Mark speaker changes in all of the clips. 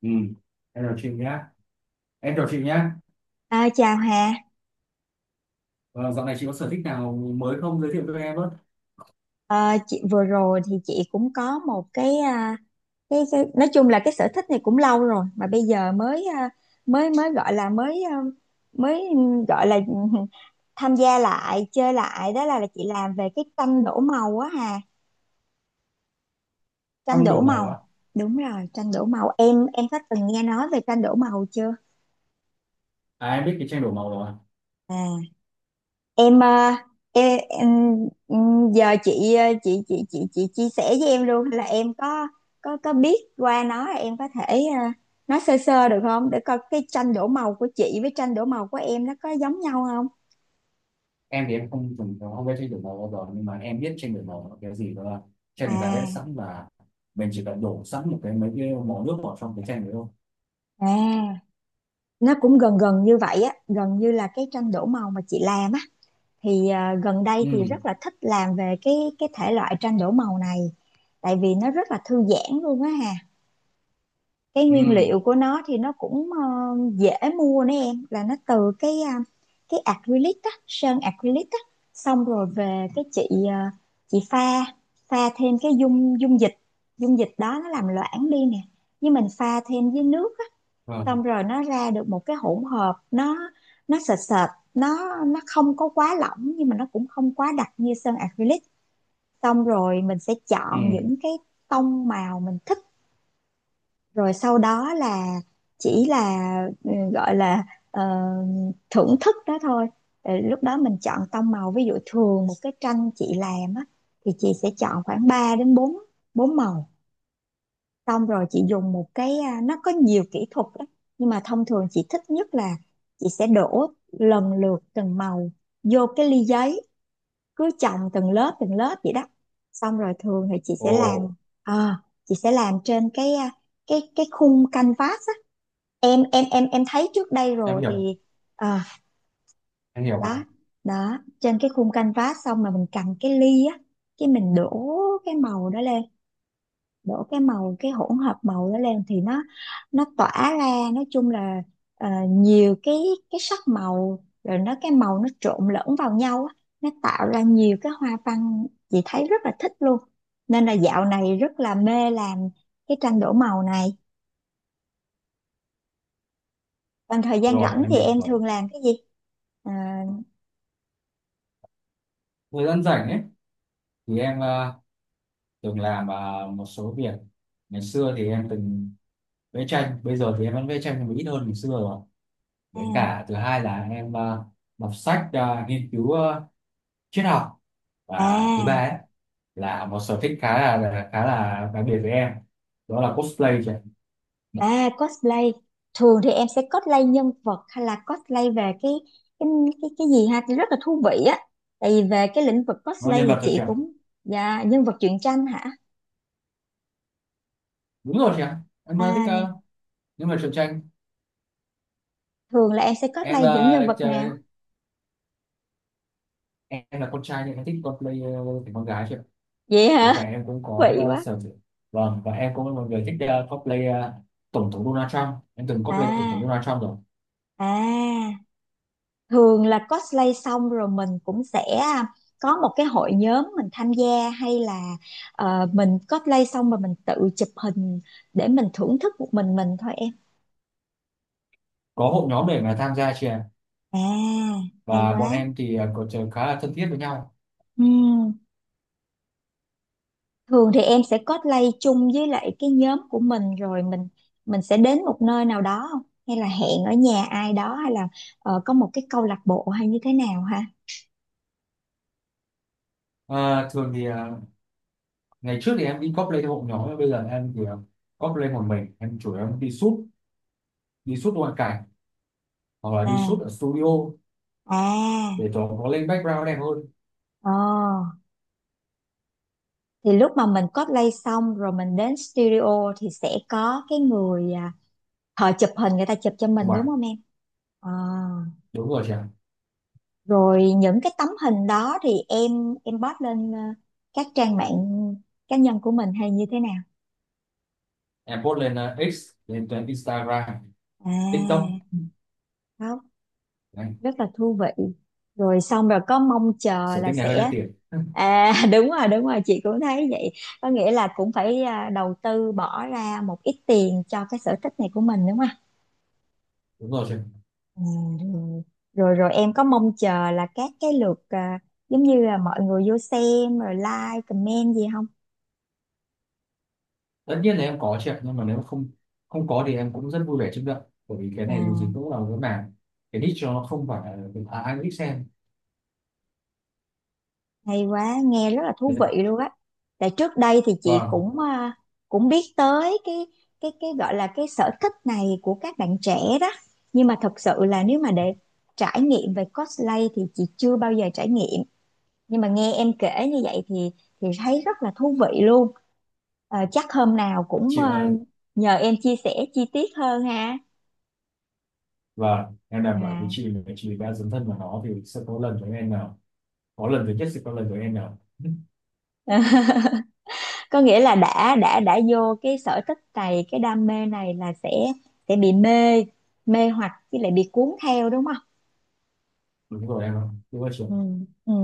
Speaker 1: Ừ, em chào chị nhá. Em chào chị nhá.
Speaker 2: Chào Hà.
Speaker 1: Ờ, dạo này chị có sở thích nào mới không? Giới thiệu cho em với?
Speaker 2: Ờ, chị vừa rồi thì chị cũng có một cái, nói chung là cái sở thích này cũng lâu rồi mà bây giờ mới à, mới mới gọi là mới à, mới ừ, gọi là tham gia lại, chơi lại, đó là chị làm về cái tranh đổ màu á Hà, tranh
Speaker 1: Thăm
Speaker 2: đổ
Speaker 1: đổ màu
Speaker 2: màu.
Speaker 1: á.
Speaker 2: Đúng rồi, tranh đổ màu. Em có từng nghe nói về tranh đổ màu chưa?
Speaker 1: À, em biết cái tranh đổ màu rồi.
Speaker 2: À, em ờ, em ừ, giờ chị ờ, chị chia sẻ với em luôn là em có có biết qua nó, em có thể ờ, nói sơ sơ được không, để coi cái tranh đổ màu của chị với tranh đổ màu của em nó có giống nhau không.
Speaker 1: Em thì em không vẽ tranh đổ màu bao giờ, nhưng mà em biết tranh đổ màu là cái gì đó, là tranh người ta vẽ
Speaker 2: À
Speaker 1: sẵn và mình chỉ cần đổ sẵn một cái mấy cái màu nước vào trong cái tranh đấy thôi.
Speaker 2: à, nó cũng gần gần như vậy á, gần như là cái tranh đổ màu mà chị làm á, thì gần đây thì
Speaker 1: Ừ,
Speaker 2: rất là thích làm về cái thể loại tranh đổ màu này, tại vì nó rất là thư giãn luôn á. Cái nguyên
Speaker 1: ừ,
Speaker 2: liệu của nó thì nó cũng dễ mua nữa em, là nó từ cái acrylic á, sơn acrylic á, xong rồi về cái chị ờ, chị pha, pha thêm cái dung dung dịch, dung dịch đó nó làm loãng đi nè, nhưng mình pha thêm với nước á, xong
Speaker 1: vâng,
Speaker 2: rồi nó ra được một cái hỗn hợp nó sệt sệt, nó không có quá lỏng nhưng mà nó cũng không quá đặc như sơn acrylic. Xong rồi mình sẽ
Speaker 1: ừ.
Speaker 2: chọn những cái tông màu mình thích, rồi sau đó là chỉ là ừ, gọi là ờ, thưởng thức đó thôi. Ờ, lúc đó mình chọn tông màu, ví dụ thường một cái tranh chị làm á thì chị sẽ chọn khoảng 3 đến bốn, bốn màu, xong rồi chị dùng một nó có nhiều kỹ thuật đó, nhưng mà thông thường chị thích nhất là chị sẽ đổ lần lượt từng màu vô cái ly giấy, cứ chồng từng lớp vậy đó, xong rồi thường thì chị sẽ
Speaker 1: Ồ,
Speaker 2: làm à, chị sẽ làm trên cái à, cái cái khung canvas á, em thấy trước đây
Speaker 1: em
Speaker 2: rồi
Speaker 1: hiểu,
Speaker 2: thì à,
Speaker 1: em hiểu mà.
Speaker 2: đó, đó, trên cái khung canvas xong rồi mình cầm cái ly á, cái mình đổ cái màu đó lên, đổ cái màu, cái hỗn hợp màu đó lên thì nó tỏa ra, nói chung là nhiều cái sắc màu, rồi nó cái màu nó trộn lẫn vào nhau á, nó tạo ra nhiều cái hoa văn, chị thấy rất là thích luôn, nên là dạo này rất là mê làm cái tranh đổ màu này. Còn thời gian
Speaker 1: Rồi,
Speaker 2: rảnh
Speaker 1: em
Speaker 2: thì
Speaker 1: hiểu
Speaker 2: em
Speaker 1: rồi.
Speaker 2: thường làm cái gì? Ờ,
Speaker 1: Thời gian rảnh ấy thì em từng làm một số việc. Ngày xưa thì em từng vẽ tranh, bây giờ thì em vẫn vẽ tranh nhưng mà ít hơn ngày xưa rồi.
Speaker 2: à,
Speaker 1: Với cả thứ hai là em đọc sách, nghiên cứu triết học. Và thứ ba
Speaker 2: à.
Speaker 1: ấy, là một sở thích khá là đặc biệt với em, đó là cosplay chị ạ.
Speaker 2: À, cosplay. Thường thì em sẽ cosplay nhân vật hay là cosplay về cái, cái gì ha, thì rất là thú vị á, tại vì về cái lĩnh vực
Speaker 1: Nó
Speaker 2: cosplay
Speaker 1: nhân
Speaker 2: thì
Speaker 1: vật thôi chị
Speaker 2: chị
Speaker 1: ạ.
Speaker 2: cũng. Dạ, nhân vật truyện tranh hả?
Speaker 1: Đúng rồi chị ạ. Em thích
Speaker 2: À nhưng-
Speaker 1: nhân vật truyện tranh.
Speaker 2: thường là em sẽ
Speaker 1: em
Speaker 2: cosplay những nhân
Speaker 1: ờ,
Speaker 2: vật nào?
Speaker 1: chơi- em là con trai nên em thích cosplay con gái chị ạ.
Speaker 2: Vậy
Speaker 1: Bữa
Speaker 2: hả?
Speaker 1: cả em cũng
Speaker 2: Thú
Speaker 1: có
Speaker 2: vị quá.
Speaker 1: sở... Vâng, và em cũng là một người thích cosplay, tổng thống Donald Trump. Em từng cosplay tổng thống
Speaker 2: À,
Speaker 1: Donald Trump rồi.
Speaker 2: à, thường là cosplay xong rồi mình cũng sẽ có một cái hội nhóm mình tham gia, hay là mình cosplay xong rồi mình tự chụp hình để mình thưởng thức một mình thôi em.
Speaker 1: Có hội nhóm để mà tham gia chị ạ.
Speaker 2: À, hay
Speaker 1: Và
Speaker 2: quá.
Speaker 1: bọn em thì có trở khá là thân thiết với nhau.
Speaker 2: Ừm, Thường thì em sẽ cosplay chung với lại cái nhóm của mình, rồi mình sẽ đến một nơi nào đó không? Hay là hẹn ở nhà ai đó, hay là có một cái câu lạc bộ, hay như thế nào ha?
Speaker 1: Ờ, thường thì ngày trước thì em đi cosplay theo hội nhóm, nhưng bây giờ em thì cosplay một mình. Em chủ yếu em đi shoot, đi shoot ngoại cảnh hoặc là đi shoot
Speaker 2: À,
Speaker 1: ở studio
Speaker 2: à,
Speaker 1: để cho nó lên background đẹp hơn.
Speaker 2: ờ. Thì lúc mà mình cosplay xong rồi mình đến studio thì sẽ có cái người họ chụp hình, người ta chụp cho
Speaker 1: Chụp
Speaker 2: mình đúng
Speaker 1: ảnh.
Speaker 2: không em? Ờ.
Speaker 1: Đúng rồi chị ạ.
Speaker 2: Rồi những cái tấm hình đó thì em post lên các trang mạng cá nhân của mình hay như thế nào?
Speaker 1: Em post lên X, lên Instagram, TikTok.
Speaker 2: À. Không.
Speaker 1: Đấy,
Speaker 2: Rất là thú vị. Rồi xong rồi có mong chờ
Speaker 1: sở
Speaker 2: là
Speaker 1: thích này hơi đắt
Speaker 2: sẽ.
Speaker 1: tiền
Speaker 2: À, đúng rồi, đúng rồi, chị cũng thấy vậy, có nghĩa là cũng phải đầu tư bỏ ra một ít tiền cho cái sở thích này của mình đúng không?
Speaker 1: đúng rồi chị ạ.
Speaker 2: À, rồi. Rồi rồi, em có mong chờ là các cái lượt giống như là mọi người vô xem rồi like comment gì không?
Speaker 1: Tất nhiên là em có chị ạ, nhưng mà nếu mà không không có thì em cũng rất vui vẻ chấp nhận. Bởi vì cái này dù gì
Speaker 2: À,
Speaker 1: cũng là một cái mảng, cái niche cho nó, không phải là ai cũng thích xem.
Speaker 2: hay quá, nghe rất là thú
Speaker 1: Đấy.
Speaker 2: vị luôn á. Tại trước đây thì chị
Speaker 1: Vâng.
Speaker 2: cũng cũng biết tới cái gọi là cái sở thích này của các bạn trẻ đó. Nhưng mà thật sự là nếu mà để trải nghiệm về cosplay thì chị chưa bao giờ trải nghiệm. Nhưng mà nghe em kể như vậy thì thấy rất là thú vị luôn. Ờ, chắc hôm nào cũng
Speaker 1: Chị ơi,
Speaker 2: nhờ em chia sẻ chi tiết hơn ha.
Speaker 1: và em đảm bảo với
Speaker 2: À.
Speaker 1: chị là chị đã dấn thân vào nó thì sẽ có lần với em nào, có lần với nhất sẽ có lần với em nào
Speaker 2: Có nghĩa là đã vô cái sở thích này, cái đam mê này là sẽ bị mê, mê hoặc với lại bị cuốn theo đúng không?
Speaker 1: đúng rồi em ạ, đúng rồi chị ạ.
Speaker 2: Ừ, ừ.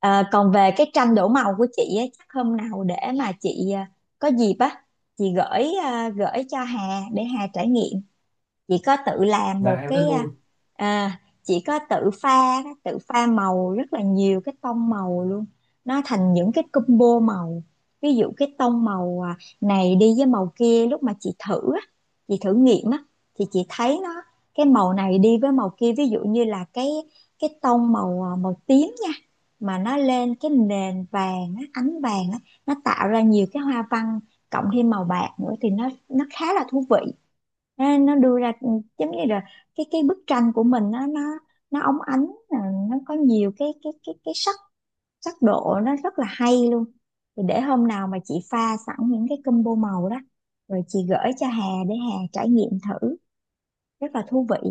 Speaker 2: À, còn về cái tranh đổ màu của chị á, chắc hôm nào để mà chị có dịp á, chị gửi gửi cho Hà để Hà trải nghiệm. Chị có tự làm
Speaker 1: Dạ
Speaker 2: một
Speaker 1: em rất vui.
Speaker 2: chị có tự pha, tự pha màu rất là nhiều cái tông màu luôn, nó thành những cái combo màu, ví dụ cái tông màu này đi với màu kia, lúc mà chị thử á, chị thử nghiệm á, thì chị thấy nó, cái màu này đi với màu kia, ví dụ như là cái tông màu màu tím nha, mà nó lên cái nền vàng á, ánh vàng á, nó tạo ra nhiều cái hoa văn, cộng thêm màu bạc nữa thì nó khá là thú vị, nó đưa ra giống như là cái bức tranh của mình nó óng ánh nó có nhiều cái sắc, sắc độ nó rất là hay luôn. Thì để hôm nào mà chị pha sẵn những cái combo màu đó, rồi chị gửi cho Hà để Hà trải nghiệm thử, rất là thú vị.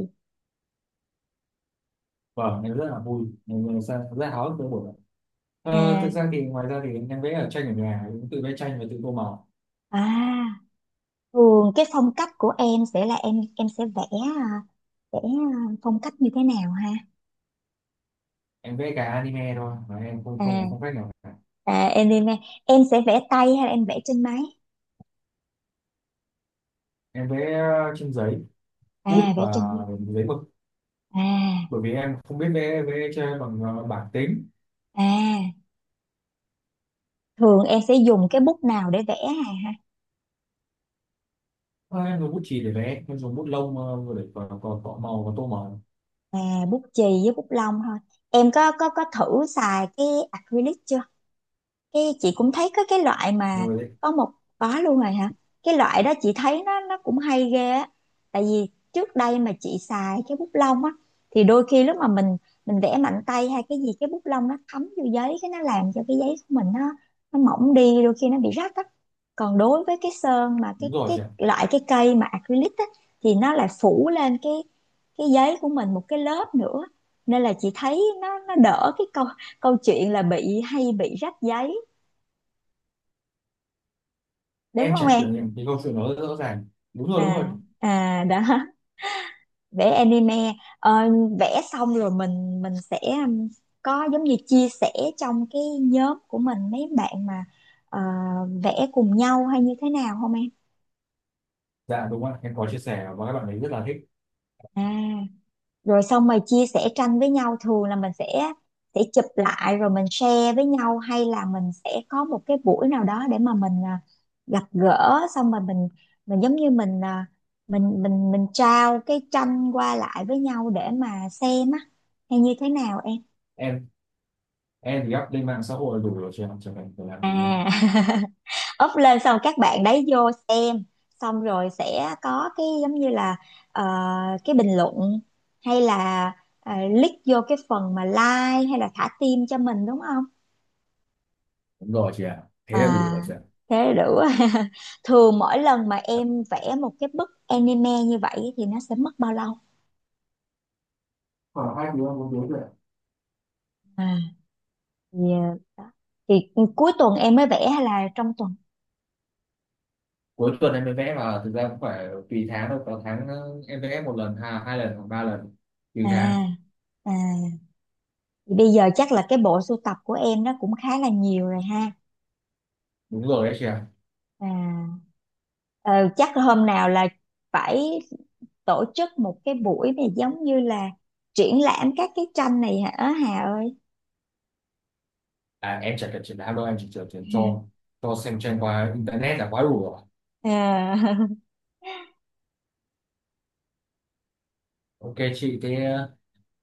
Speaker 1: Vâng, em rất là vui, em rất, rất háo hức với buổi này. Ờ, thực
Speaker 2: À,
Speaker 1: ra thì ngoài ra thì em vẽ ở tranh ở nhà, cũng tự vẽ tranh và tự tô màu.
Speaker 2: à, thường cái phong cách của em sẽ là em sẽ vẽ, à, vẽ phong cách như thế nào ha?
Speaker 1: Em vẽ cả anime thôi, mà em không không
Speaker 2: À,
Speaker 1: không phép nào cả.
Speaker 2: à, em đi nghe, em sẽ vẽ tay hay là em vẽ trên máy?
Speaker 1: Em vẽ trên giấy,
Speaker 2: À,
Speaker 1: bút
Speaker 2: vẽ
Speaker 1: và
Speaker 2: trên.
Speaker 1: giấy mực,
Speaker 2: À.
Speaker 1: bởi vì em không biết vẽ, vẽ tre bằng bảng tính.
Speaker 2: À, thường em sẽ dùng cái bút nào để vẽ hả?
Speaker 1: Thôi, em dùng bút chì để vẽ, em dùng bút lông, vừa để cọ màu và tô màu.
Speaker 2: À, bút chì với bút lông thôi. Em có có thử xài cái acrylic chưa? Cái chị cũng thấy có cái loại mà,
Speaker 1: Rồi đấy,
Speaker 2: có một, có luôn rồi hả? Cái loại đó chị thấy nó cũng hay ghê á, tại vì trước đây mà chị xài cái bút lông á, thì đôi khi lúc mà mình vẽ mạnh tay hay cái gì, cái bút lông nó thấm vô giấy, cái nó làm cho cái giấy của mình nó mỏng đi, đôi khi nó bị rách á. Còn đối với cái sơn, mà cái
Speaker 1: đúng rồi
Speaker 2: cái
Speaker 1: chị ạ.
Speaker 2: loại cái cây mà acrylic á, thì nó lại phủ lên cái giấy của mình một cái lớp nữa, nên là chị thấy nó đỡ cái câu, câu chuyện là bị hay bị rách giấy, đúng
Speaker 1: Em
Speaker 2: không
Speaker 1: trải
Speaker 2: em?
Speaker 1: nghiệm những cái câu chuyện đó rất rõ ràng. Đúng rồi, đúng
Speaker 2: À,
Speaker 1: rồi.
Speaker 2: à, đó. Vẽ anime, ờ, vẽ xong rồi mình sẽ có giống như chia sẻ trong cái nhóm của mình, mấy bạn mà ờ, vẽ cùng nhau hay như thế nào không em?
Speaker 1: Dạ đúng rồi, em có chia sẻ và các bạn ấy rất là thích.
Speaker 2: À, rồi xong, mà chia sẻ tranh với nhau thường là mình sẽ chụp lại rồi mình share với nhau, hay là mình sẽ có một cái buổi nào đó để mà mình gặp gỡ, xong rồi mình giống như mình mình trao cái tranh qua lại với nhau để mà xem á, hay như thế nào em?
Speaker 1: Em em thì up lên mạng xã hội là đủ rồi chị ạ, chẳng cần phải làm gì nữa.
Speaker 2: À. Up lên xong các bạn đấy vô xem, xong rồi sẽ có cái giống như là ờ, cái bình luận, hay là click vô cái phần mà like hay là thả tim cho mình, đúng không?
Speaker 1: Đúng rồi chị ạ, thế
Speaker 2: À,
Speaker 1: là đủ rồi chị ạ.
Speaker 2: thế là đủ. Thường mỗi lần mà em vẽ một cái bức anime như vậy thì nó sẽ mất bao lâu?
Speaker 1: Khoảng hai tiếng muốn đối rồi ạ.
Speaker 2: À, thì, ờ, đó. Thì cuối tuần em mới vẽ hay là trong tuần?
Speaker 1: Cuối tuần em mới vẽ, mà thực ra cũng phải tùy tháng. Đâu có tháng em vẽ một lần, hai lần hoặc ba lần, tùy
Speaker 2: À,
Speaker 1: tháng.
Speaker 2: à, thì bây giờ chắc là cái bộ sưu tập của em nó cũng khá là nhiều rồi ha.
Speaker 1: Đúng rồi đấy chị ạ.
Speaker 2: À. Ờ, chắc là hôm nào là phải tổ chức một cái buổi này, giống như là triển lãm các cái tranh này hả Hà ơi?
Speaker 1: À, em chỉ cần chuyển alo, em chỉ cần chuyển cho xem trên qua internet là quá đủ rồi.
Speaker 2: À.
Speaker 1: OK chị. Thế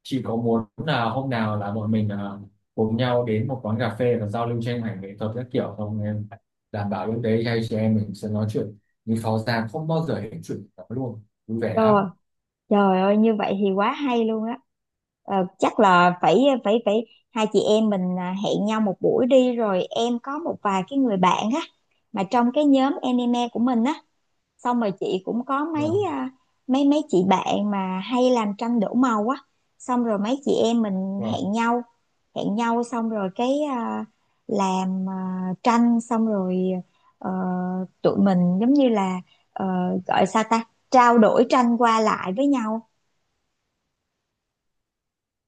Speaker 1: chị có muốn là hôm nào là bọn mình cùng nhau đến một quán cà phê và giao lưu tranh ảnh nghệ thuật các kiểu không em? Đảm bảo lúc đấy hai chị em mình sẽ nói chuyện, nhưng pháo ra không bao giờ hết chuyện cả, luôn vui vẻ
Speaker 2: Rồi,
Speaker 1: lắm.
Speaker 2: trời ơi, như vậy thì quá hay luôn á. Ờ, chắc là phải phải phải hai chị em mình hẹn nhau một buổi đi, rồi em có một vài cái người bạn á mà trong cái nhóm anime của mình á, xong rồi chị cũng có mấy
Speaker 1: Vâng,
Speaker 2: mấy mấy chị bạn mà hay làm tranh đổ màu á, xong rồi mấy chị em mình
Speaker 1: vâng.
Speaker 2: hẹn nhau, hẹn nhau xong rồi cái làm tranh xong rồi ờ, tụi mình giống như là ờ, gọi sao ta, trao đổi tranh qua lại với nhau,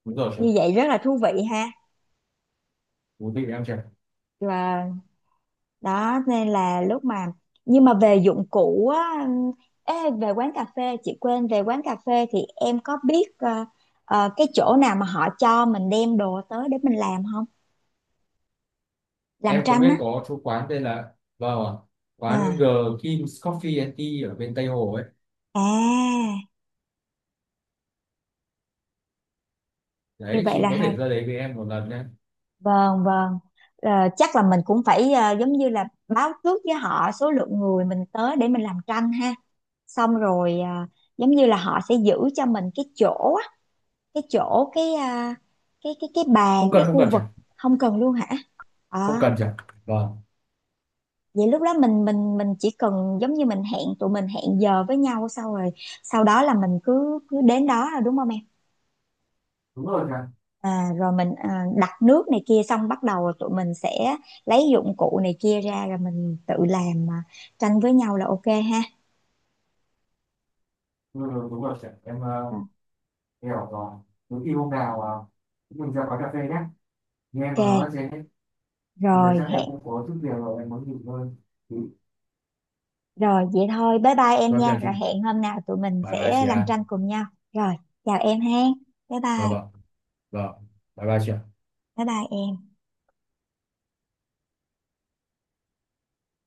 Speaker 1: Đúng rồi chị.
Speaker 2: như vậy rất là thú vị ha.
Speaker 1: Thú vị em chị.
Speaker 2: Và đó, nên là lúc mà, nhưng mà về dụng cụ á, ê, về quán cà phê chị quên, về quán cà phê thì em có biết cái chỗ nào mà họ cho mình đem đồ tới để mình làm không, làm
Speaker 1: Em có
Speaker 2: tranh á.
Speaker 1: biết có chỗ quán tên là, vâng ạ, quán G,
Speaker 2: À,
Speaker 1: Kim's Coffee and Tea ở bên Tây Hồ ấy.
Speaker 2: à, như
Speaker 1: Đấy,
Speaker 2: vậy
Speaker 1: chị
Speaker 2: là
Speaker 1: có
Speaker 2: hay.
Speaker 1: thể ra đấy với em một lần nhé.
Speaker 2: Vâng vâng. Ờ, chắc là mình cũng phải giống như là báo trước với họ số lượng người mình tới để mình làm tranh ha, xong rồi giống như là họ sẽ giữ cho mình cái chỗ, cái chỗ cái
Speaker 1: Không
Speaker 2: bàn,
Speaker 1: cần,
Speaker 2: cái
Speaker 1: không cần
Speaker 2: khu
Speaker 1: chị
Speaker 2: vực.
Speaker 1: ạ.
Speaker 2: Không cần luôn hả?
Speaker 1: Không
Speaker 2: À,
Speaker 1: cần chị ạ. Vâng.
Speaker 2: vậy lúc đó mình chỉ cần giống như mình hẹn, tụi mình hẹn giờ với nhau, sau rồi sau đó là mình cứ cứ đến đó rồi đúng không em?
Speaker 1: Đúng rồi cả.
Speaker 2: À, rồi mình đặt nước này kia xong, bắt đầu là tụi mình sẽ lấy dụng cụ này kia ra, rồi mình tự làm tranh với nhau là ok ha.
Speaker 1: Ừ, đúng rồi, đúng rồi chị ạ. Em
Speaker 2: Ờ,
Speaker 1: hiểu rồi. Nếu khi hôm nào chúng mình ra quán cà phê nhé. Nghe em nó nói là
Speaker 2: ok,
Speaker 1: trên ấy thì thật ra
Speaker 2: rồi
Speaker 1: em
Speaker 2: hẹn.
Speaker 1: cũng có chút việc, rồi em muốn nghỉ ngơi thì.
Speaker 2: Rồi vậy thôi, bye bye em
Speaker 1: Vâng,
Speaker 2: nha,
Speaker 1: chào chị.
Speaker 2: rồi hẹn hôm nào tụi mình
Speaker 1: Bye bye
Speaker 2: sẽ
Speaker 1: chị
Speaker 2: làm
Speaker 1: ạ.
Speaker 2: tranh cùng nhau. Rồi, chào em ha, bye
Speaker 1: Vâng,
Speaker 2: bye.
Speaker 1: vâng. Vâng. Bye bye chị ạ.
Speaker 2: Bye bye em.